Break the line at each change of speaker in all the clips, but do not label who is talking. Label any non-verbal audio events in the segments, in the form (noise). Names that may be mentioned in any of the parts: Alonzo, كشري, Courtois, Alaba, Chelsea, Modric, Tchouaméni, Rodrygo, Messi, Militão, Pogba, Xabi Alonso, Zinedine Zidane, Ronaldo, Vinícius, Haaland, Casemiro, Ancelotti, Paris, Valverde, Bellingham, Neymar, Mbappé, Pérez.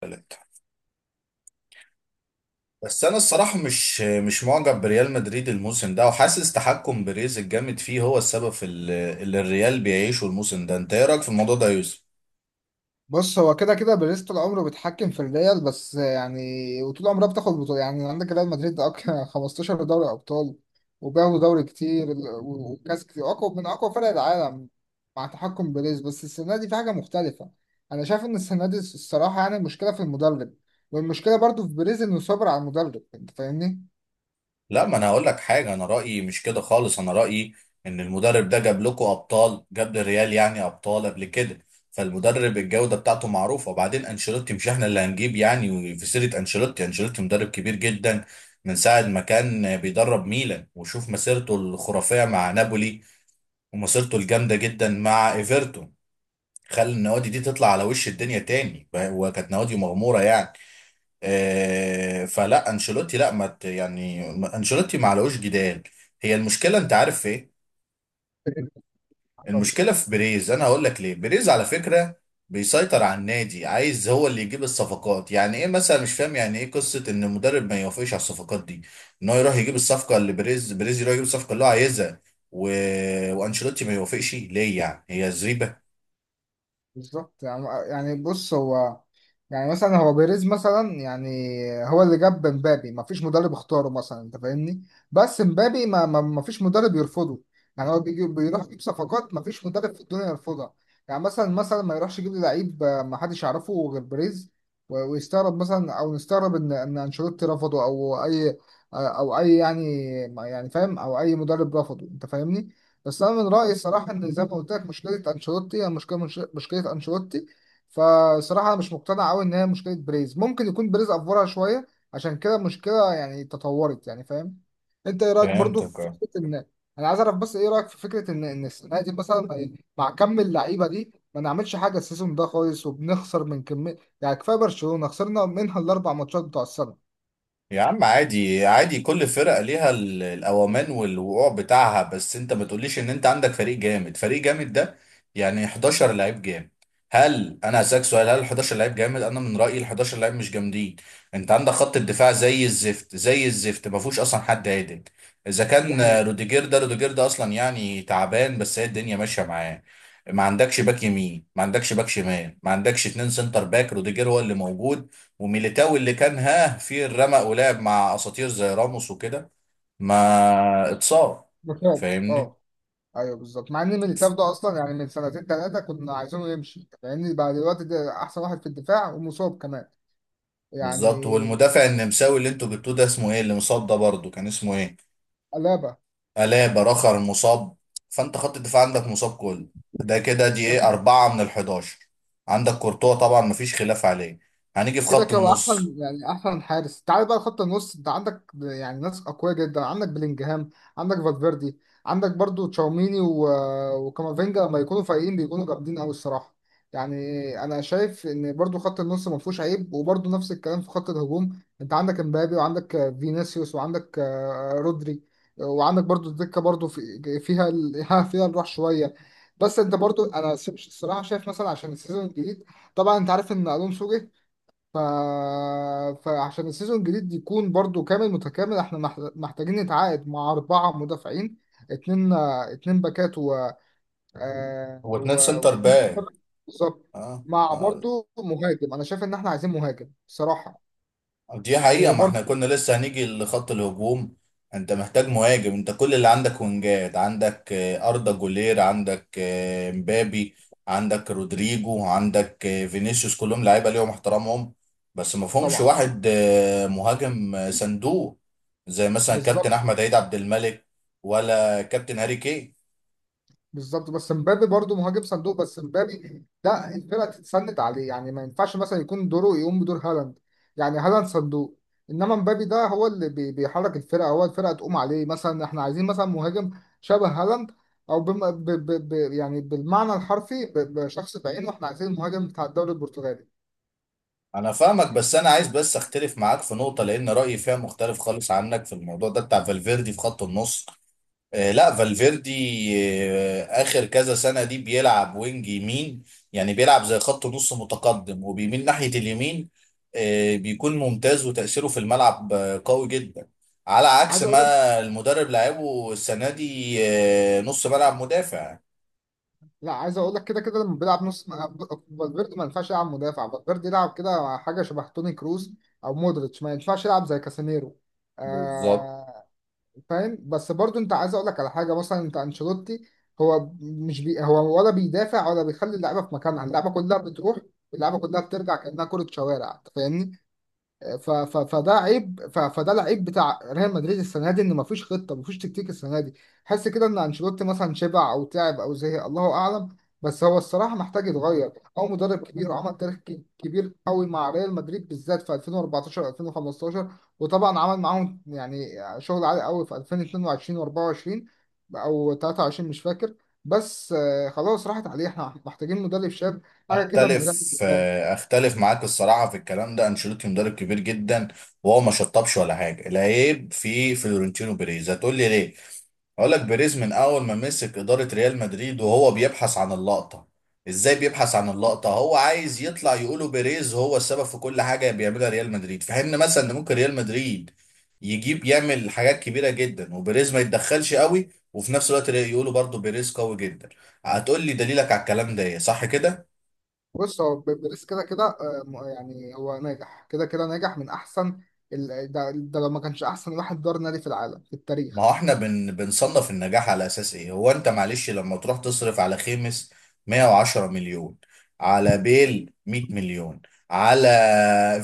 تالت. بس انا الصراحه مش معجب بريال مدريد الموسم ده، وحاسس تحكم بيريز الجامد فيه هو السبب في اللي الريال بيعيشه الموسم ده. انت ايه رايك في الموضوع ده يا يوسف؟
بص، هو كده كده باريس طول عمره بيتحكم في الريال، بس يعني وطول عمرها بتاخد بطولة. يعني عندك ريال مدريد ده (laughs) 15 دوري أبطال، وبياخدوا دوري كتير و- وكاس كتير أقوى من أقوى فرق العالم مع تحكم باريس. بس السنة دي في حاجة مختلفة. أنا شايف إن السنة دي الصراحة يعني المشكلة في المدرب، والمشكلة برضو في باريس إنه صبر على المدرب. أنت فاهمني؟
لا، ما انا هقول لك حاجه. انا رايي مش كده خالص. انا رايي ان المدرب ده جاب لكم ابطال، جاب للريال يعني ابطال قبل كده. فالمدرب الجوده بتاعته معروفه. وبعدين انشيلوتي مش احنا اللي هنجيب يعني في سيره انشيلوتي مدرب كبير جدا، من ساعه ما كان بيدرب ميلان. وشوف مسيرته الخرافيه مع نابولي، ومسيرته الجامده جدا مع ايفرتون. خلى النوادي دي تطلع على وش الدنيا تاني، وكانت نوادي مغموره يعني. فلا انشيلوتي، لا، ما ت- يعني ما- انشيلوتي ما علوش جدال. هي المشكله انت عارف في ايه؟ المشكله في بيريز. انا هقول لك ليه. بيريز على فكره بيسيطر على النادي، عايز هو اللي يجيب الصفقات. يعني ايه مثلا؟ مش فاهم يعني ايه قصه ان المدرب ما يوافقش على الصفقات دي، ان هو يروح يجيب الصفقه اللي بيريز يروح يجيب الصفقه اللي هو عايزها، و... وانشيلوتي ما يوافقش؟ ليه يعني، هي زريبه؟
بالظبط. يعني بص، هو يعني مثلا، هو بيريز مثلا، يعني هو اللي جاب مبابي، ما فيش مدرب اختاره مثلا، انت فاهمني. بس مبابي ما فيش مدرب يرفضه. يعني هو بيجي بيروح يجيب صفقات ما فيش مدرب في الدنيا يرفضها. يعني مثلا ما يروحش يجيب لي لعيب، ما حدش يعرفه غير بيريز، و- ويستغرب مثلا او نستغرب ان ان انشيلوتي رفضه او اي. او اي يعني فاهم، او اي مدرب رفضه، انت فاهمني. بس انا من رايي الصراحه ان زي ما قلت لك مشكله انشيلوتي هي مشكله، مشكله انشيلوتي. فصراحه أنا مش مقتنع قوي ان هي مشكله بريز، ممكن يكون بريز افورها شويه، عشان كده المشكله يعني تطورت. يعني فاهم، انت ايه رايك برضو
فهمتك،
في
اه.
فكره ان. انا عايز اعرف بس ايه رايك في فكره ان السنه دي مثلا مع كم اللعيبه دي ما نعملش حاجه السيزون ده خالص، وبنخسر من كميه، يعني كفايه برشلونه خسرنا منها الاربع ماتشات بتوع السنه.
يا عم عادي عادي، كل فرقة ليها الأوامان والوقوع بتاعها. بس أنت ما تقوليش إن أنت عندك فريق جامد، فريق جامد ده يعني 11 لعيب جامد. هل أنا هسألك سؤال، هل 11 لعيب جامد؟ أنا من رأيي ال 11 لعيب مش جامدين. أنت عندك خط الدفاع زي الزفت، زي الزفت، ما فيهوش أصلا حد عادل. إذا
دي
كان
حقيقه.
روديجير ده، روديجير ده أصلا يعني تعبان، بس هي الدنيا ماشية معاه. ما عندكش باك يمين، ما عندكش باك شمال، ما عندكش 2 سنتر باك. روديجير هو اللي موجود، وميليتاو اللي كان ها في الرمق، ولعب مع اساطير زي راموس وكده، ما اتصاب.
ده فعلا.
فاهمني؟
اه. ايوه بالظبط، مع ان ميليتاو ده اصلا يعني من سنتين ثلاثه كنا عايزينه يمشي، لان بقى دلوقتي ده احسن واحد في الدفاع ومصاب كمان
بالظبط.
يعني.
والمدافع النمساوي اللي انتوا جبتوه ده، اسمه ايه اللي مصاب ده برضه، كان اسمه ايه؟
قلابه.
ألابا. رخر مصاب. فانت خط الدفاع عندك مصاب كله. ده كده دي ايه، 4 من 11. عندك كورتوا طبعا مفيش خلاف عليه. هنيجي في
كده
خط
كده
النص.
احسن يعني احسن حارس. تعال بقى خط النص، انت عندك يعني ناس اقوياء جدا، عندك بلينجهام، عندك فالفيردي، عندك برضو تشاوميني وكامافينجا لما يكونوا فايقين بيكونوا جامدين قوي الصراحه يعني. انا شايف ان برضو خط النص ما فيهوش عيب، وبرضو نفس الكلام في خط الهجوم. انت عندك امبابي، وعندك فينيسيوس، وعندك رودري، وعندك برضو الدكه، برضو فيها (laughs) فيها الروح شويه. بس انت برضو انا الصراحه شايف مثلا عشان السيزون الجديد، طبعا انت عارف ان الونسو جه، ف... فعشان السيزون الجديد يكون برضو كامل متكامل احنا محتاجين نتعاقد مع أربعة مدافعين. اتنين اتنين باكات،
هو 2 سنتر
واتنين مهاجم.
باك؟
بالظبط.
اه.
مع
اه،
برضو مهاجم، أنا شايف إن احنا عايزين مهاجم بصراحة.
دي حقيقة.
يعني
ما
برضو.
احنا كنا لسه هنيجي لخط الهجوم. انت محتاج مهاجم. انت كل اللي عندك وينجات، عندك أردا جولير، عندك مبابي، عندك رودريجو، عندك فينيسيوس. كلهم لعيبة ليهم احترامهم، بس ما فيهمش
طبعا.
واحد مهاجم صندوق، زي مثلا كابتن
بالظبط.
أحمد عيد عبد الملك، ولا كابتن هاري كين.
بالظبط، بس مبابي برضه مهاجم صندوق، بس مبابي ده الفرقه تتسند عليه، يعني ما ينفعش مثلا يكون دوره يقوم بدور هالاند. يعني هالاند صندوق. انما مبابي ده هو اللي بيحرك الفرقه، هو الفرقه تقوم عليه. مثلا احنا عايزين مثلا مهاجم شبه هالاند، او بم... ب... ب... ب... يعني بالمعنى الحرفي بشخص بعينه. احنا عايزين المهاجم بتاع الدوري البرتغالي.
انا فاهمك، بس انا عايز بس اختلف معاك في نقطة، لان رأيي فيها مختلف خالص عنك في الموضوع ده بتاع فالفيردي في خط النص. لا، فالفيردي اخر كذا سنه دي بيلعب وينج يمين. يعني بيلعب زي خط نص متقدم، وبيميل ناحيه اليمين. بيكون ممتاز، وتاثيره في الملعب قوي جدا، على عكس
عايز اقول
ما المدرب لعبه السنه دي نص ملعب مدافع.
لا، عايز اقول لك كده كده، لما بيلعب نص م- فالفيردي ما ينفعش يلعب مدافع، فالفيردي يلعب كده حاجه شبه توني كروز، او مودريتش ما ينفعش يلعب زي كاسانيرو.
بالظبط.
آه فاهم. بس برضو انت عايز اقول لك على حاجه، مثلا انت انشيلوتي هو مش هو ولا بيدافع ولا بيخلي اللعيبه في مكانها. اللعيبه كلها بتروح، اللعيبه كلها بترجع، كانها كره شوارع، انت فاهمني. ف... ف... فده عيب، ف... فده العيب بتاع ريال مدريد السنه دي ان مفيش خطه، مفيش تكتيك السنه دي. حس كده ان انشيلوتي مثلا شبع او تعب او زهق، الله اعلم، بس هو الصراحه محتاج يتغير. هو مدرب كبير وعمل تاريخ كبير قوي مع ريال مدريد، بالذات في 2014 2015، وطبعا عمل معاهم يعني شغل عالي قوي في 2022 و24، او 23 مش فاكر، بس خلاص راحت عليه، احنا محتاجين مدرب شاب، حاجه كده من ريال.
اختلف معاك الصراحه في الكلام ده. انشيلوتي مدرب كبير جدا، وهو ما شطبش ولا حاجه. العيب في فلورنتينو بيريز. هتقول لي ليه؟ اقول لك: بيريز من اول ما مسك اداره ريال مدريد وهو بيبحث عن اللقطه. ازاي بيبحث عن اللقطه؟ هو عايز يطلع يقولوا بيريز هو السبب في كل حاجه بيعملها ريال مدريد، في حين مثلا ان ممكن ريال مدريد يجيب، يعمل حاجات كبيره جدا وبيريز ما يتدخلش قوي، وفي نفس الوقت يقولوا برضو بيريز قوي جدا. هتقول لي دليلك على الكلام ده ايه، صح كده؟
بص هو بيدرس كده كده، يعني هو ناجح كده كده، ناجح من احسن ده لو ما كانش احسن واحد دار نادي في العالم في
ما هو
التاريخ.
احنا بنصنف النجاح على اساس ايه؟ هو انت معلش لما تروح تصرف على خيمس 110 مليون، على بيل 100 مليون، على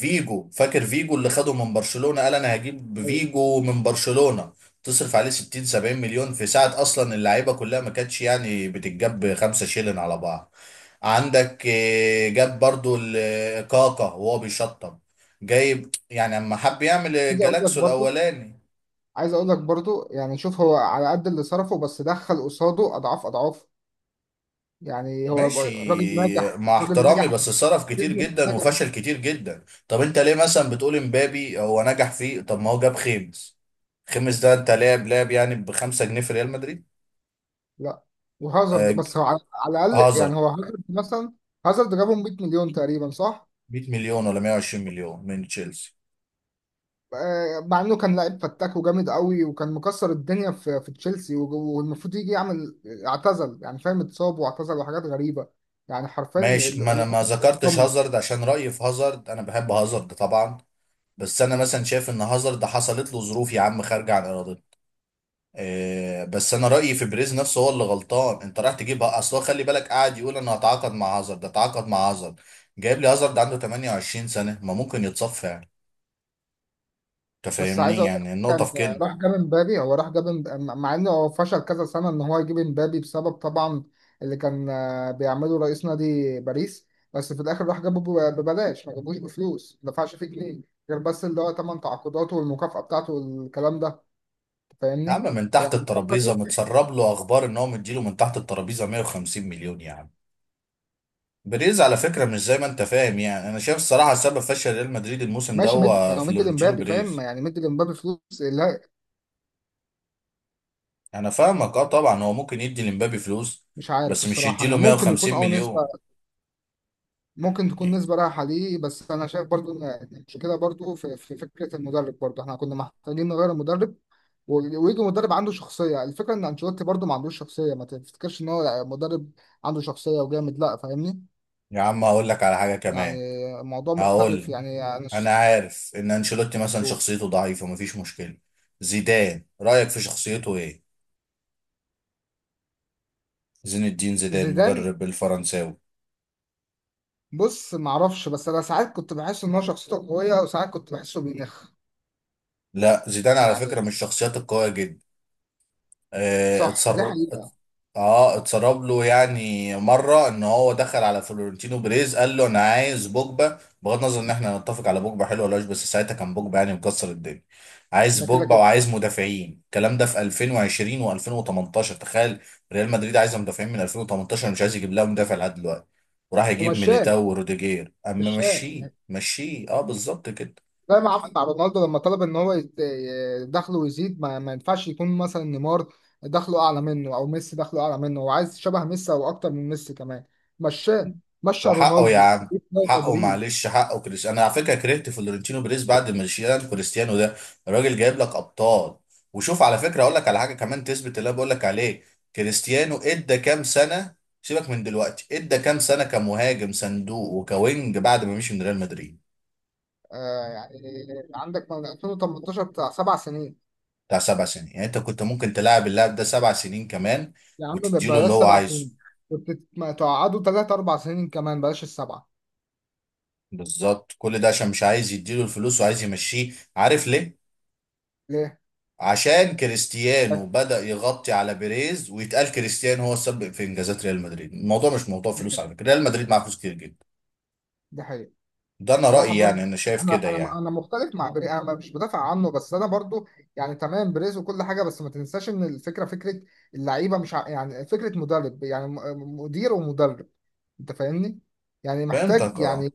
فيجو، فاكر فيجو اللي خده من برشلونة، قال انا هجيب
ايوه.
فيجو من برشلونة، تصرف عليه 60، 70 مليون في ساعة، اصلا اللعيبة كلها ما كانتش يعني بتتجاب خمسة شيلن على بعض. عندك جاب برضو كاكا وهو بيشطب جايب، يعني اما حب يعمل
عايز اقول لك
الجالاكسو
برضو
الاولاني.
عايز اقول لك برضو يعني شوف، هو على قد اللي صرفه بس دخل قصاده اضعاف اضعاف. يعني هو
ماشي.
راجل ناجح،
مع
راجل
احترامي،
ناجح،
بس صرف كتير
ابن
جدا وفشل
ناجح.
كتير جدا. طب انت ليه مثلا بتقول امبابي هو نجح فيه؟ طب ما هو جاب خيمس. خيمس ده انت لاعب لاعب يعني بخمسة جنيه في ريال مدريد.
لا، وهازارد،
آه.
بس هو على الاقل يعني،
هازارد.
هو هازارد مثلا، هازارد جابهم 100 مليون تقريبا، صح؟
100 مليون ولا 120 مليون من تشيلسي.
آه، مع انه كان لعيب فتاك وجامد قوي، وكان مكسر الدنيا في تشيلسي، وج- والمفروض يجي يعمل، اعتزل يعني فاهم، اتصاب واعتزل وحاجات غريبه يعني. حرفيا
ماشي، ما انا ما ذكرتش
اتدمر.
هازارد عشان رأيي في هازارد، انا بحب هازارد طبعا. بس انا مثلا شايف ان هازارد حصلت له ظروف يا عم خارجه عن ارادته. بس انا رايي في بريز نفسه هو اللي غلطان. انت رايح تجيب، اصل هو خلي بالك قاعد يقول انا هتعاقد مع هازارد، ده اتعاقد مع هازارد. جايب لي هازارد عنده 28 سنه، ما ممكن يتصفى يعني. انت
بس عايز
فاهمني؟
اقول لك،
يعني النقطه
كان
في كده.
راح جاب امبابي، هو راح جاب مع انه هو فشل كذا سنه ان هو يجيب امبابي، بسبب طبعا اللي كان بيعمله رئيس نادي باريس. بس في الاخر راح جابه ببلاش، ما جابوش بفلوس، ما دفعش فيه جنيه، غير بس اللي هو ثمان تعاقداته والمكافاه بتاعته والكلام ده.
يا عم
فاهمني؟
من تحت
يعني
الترابيزه
فكر.
متسرب له اخبار ان هو مديله من تحت الترابيزه 150 مليون يعني. بريز على فكره مش زي ما انت فاهم. يعني انا شايف الصراحه سبب فشل ريال مدريد الموسم ده
ماشي، مد
هو
يعني هو مد
فلورنتينو
لمبابي فاهم،
بيريز.
يعني مد لمبابي فلوس. لا،
انا فاهمك، اه. طبعا هو ممكن يدي لمبابي فلوس،
مش عارف
بس مش
الصراحة،
يديله
يعني ممكن يكون
150
نسبة،
مليون.
ممكن تكون نسبة رايحة ليه، بس أنا شايف برضو إن المشكلة برضو في فكرة المدرب. برضو احنا كنا محتاجين نغير المدرب و- ويجي مدرب عنده شخصية. الفكرة إن أنشيلوتي برضو ما عندوش شخصية، ما تفتكرش إن هو مدرب عنده شخصية وجامد، لا فاهمني.
يا عم هقول لك على حاجه
يعني
كمان.
الموضوع
هقول
مختلف،
لك:
يعني أنا.
انا عارف ان انشيلوتي مثلا شخصيته ضعيفه، مفيش مشكله. زيدان رايك في شخصيته ايه؟ زين الدين زيدان،
زيدان.
مدرب الفرنساوي.
بص معرفش، بس أنا ساعات كنت بحس إن هو شخصيته قوية، وساعات كنت بحسه بينخ
لا، زيدان على فكره
يعني.
من الشخصيات القويه جدا.
صح، دي
اتسرب.
حقيقة.
اه، اتسرب له يعني مره ان هو دخل على فلورنتينو بيريز قال له انا عايز بوجبا. بغض النظر ان احنا نتفق على بوجبا حلو ولا وحش، بس ساعتها كان بوجبا يعني مكسر الدنيا. عايز
ده كده
بوجبا
كده.
وعايز مدافعين. الكلام ده في 2020 و2018، تخيل. ريال مدريد عايزه مدافعين من 2018، مش عايز يجيب لها مدافع لحد دلوقتي، وراح يجيب
ومشاه
ميليتاو وروديجير اما
مشاه
مشيه،
يعني،
مشيه اه بالظبط كده.
زي ما عمل مع رونالدو لما طلب ان هو دخله يزيد، ما ينفعش يكون مثلا نيمار دخله اعلى منه، او ميسي دخله اعلى منه، هو عايز شبه ميسي او اكتر من ميسي كمان. مشاه، مشى
وحقه يا
رونالدو في
عم.
ريال
حقه
مدريد.
معلش، حقه كريس. انا على فكره كرهت فلورنتينو بيريز بعد ما شيلان كريستيانو ده. الراجل جايب لك ابطال. وشوف على فكره، اقول لك على حاجه كمان تثبت اللي انا بقول لك عليه. كريستيانو ادى كام سنه؟ سيبك من دلوقتي، ادى كام سنه كمهاجم صندوق وكوينج بعد ما مشي من ريال مدريد؟
آه يعني، عندك من 2018، بتاع 7 سنين.
بتاع 7 سنين. يعني انت كنت ممكن تلاعب اللاعب ده 7 سنين كمان،
يا عم
وتديله اللي
بلاش
هو
سبع
عايزه.
سنين كنت ما تقعدوا ثلاث اربع سنين كمان، بلاش السبعه.
بالظبط. كل ده عشان مش عايز يديله الفلوس وعايز يمشيه. عارف ليه؟
ليه؟
عشان كريستيانو بدأ يغطي على بيريز، ويتقال كريستيانو هو السبب في انجازات ريال مدريد. الموضوع مش موضوع فلوس على فكرة، ريال مدريد معاه فلوس كتير جدا.
ده حقيقي.
ده انا
صراحة
رأيي،
برضه،
يعني انا شايف
أنا
كده
أنا
يعني.
أنا مختلف مع بري، أنا مش بدافع عنه، بس أنا برضه يعني تمام بريز وكل حاجة. بس ما تنساش إن الفكرة فكرة اللعيبة، مش ع- يعني فكرة مدرب، يعني مدير ومدرب، أنت فاهمني؟ يعني محتاج
فهمتك، اه.
يعني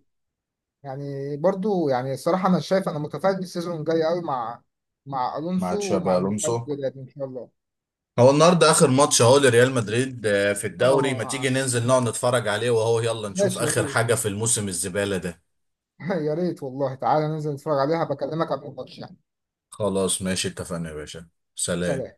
يعني برضه يعني الصراحة أنا شايف، أنا متفائل السيزون الجاي أوي، مع
مع
ألونسو ومع
تشابي
المدرب
الونسو.
الجديد إن شاء الله.
هو النهارده اخر ماتش اهو لريال مدريد في الدوري. ما تيجي
اه.
ننزل نقعد
اه.
نتفرج عليه وهو، يلا نشوف
ماشي، يا
اخر
ريت.
حاجة في الموسم الزبالة ده.
(laughs) يا ريت والله تعالى ننزل نتفرج عليها، بكلمك قبل الماتش يعني.
خلاص ماشي، اتفقنا يا باشا. سلام.
سلام.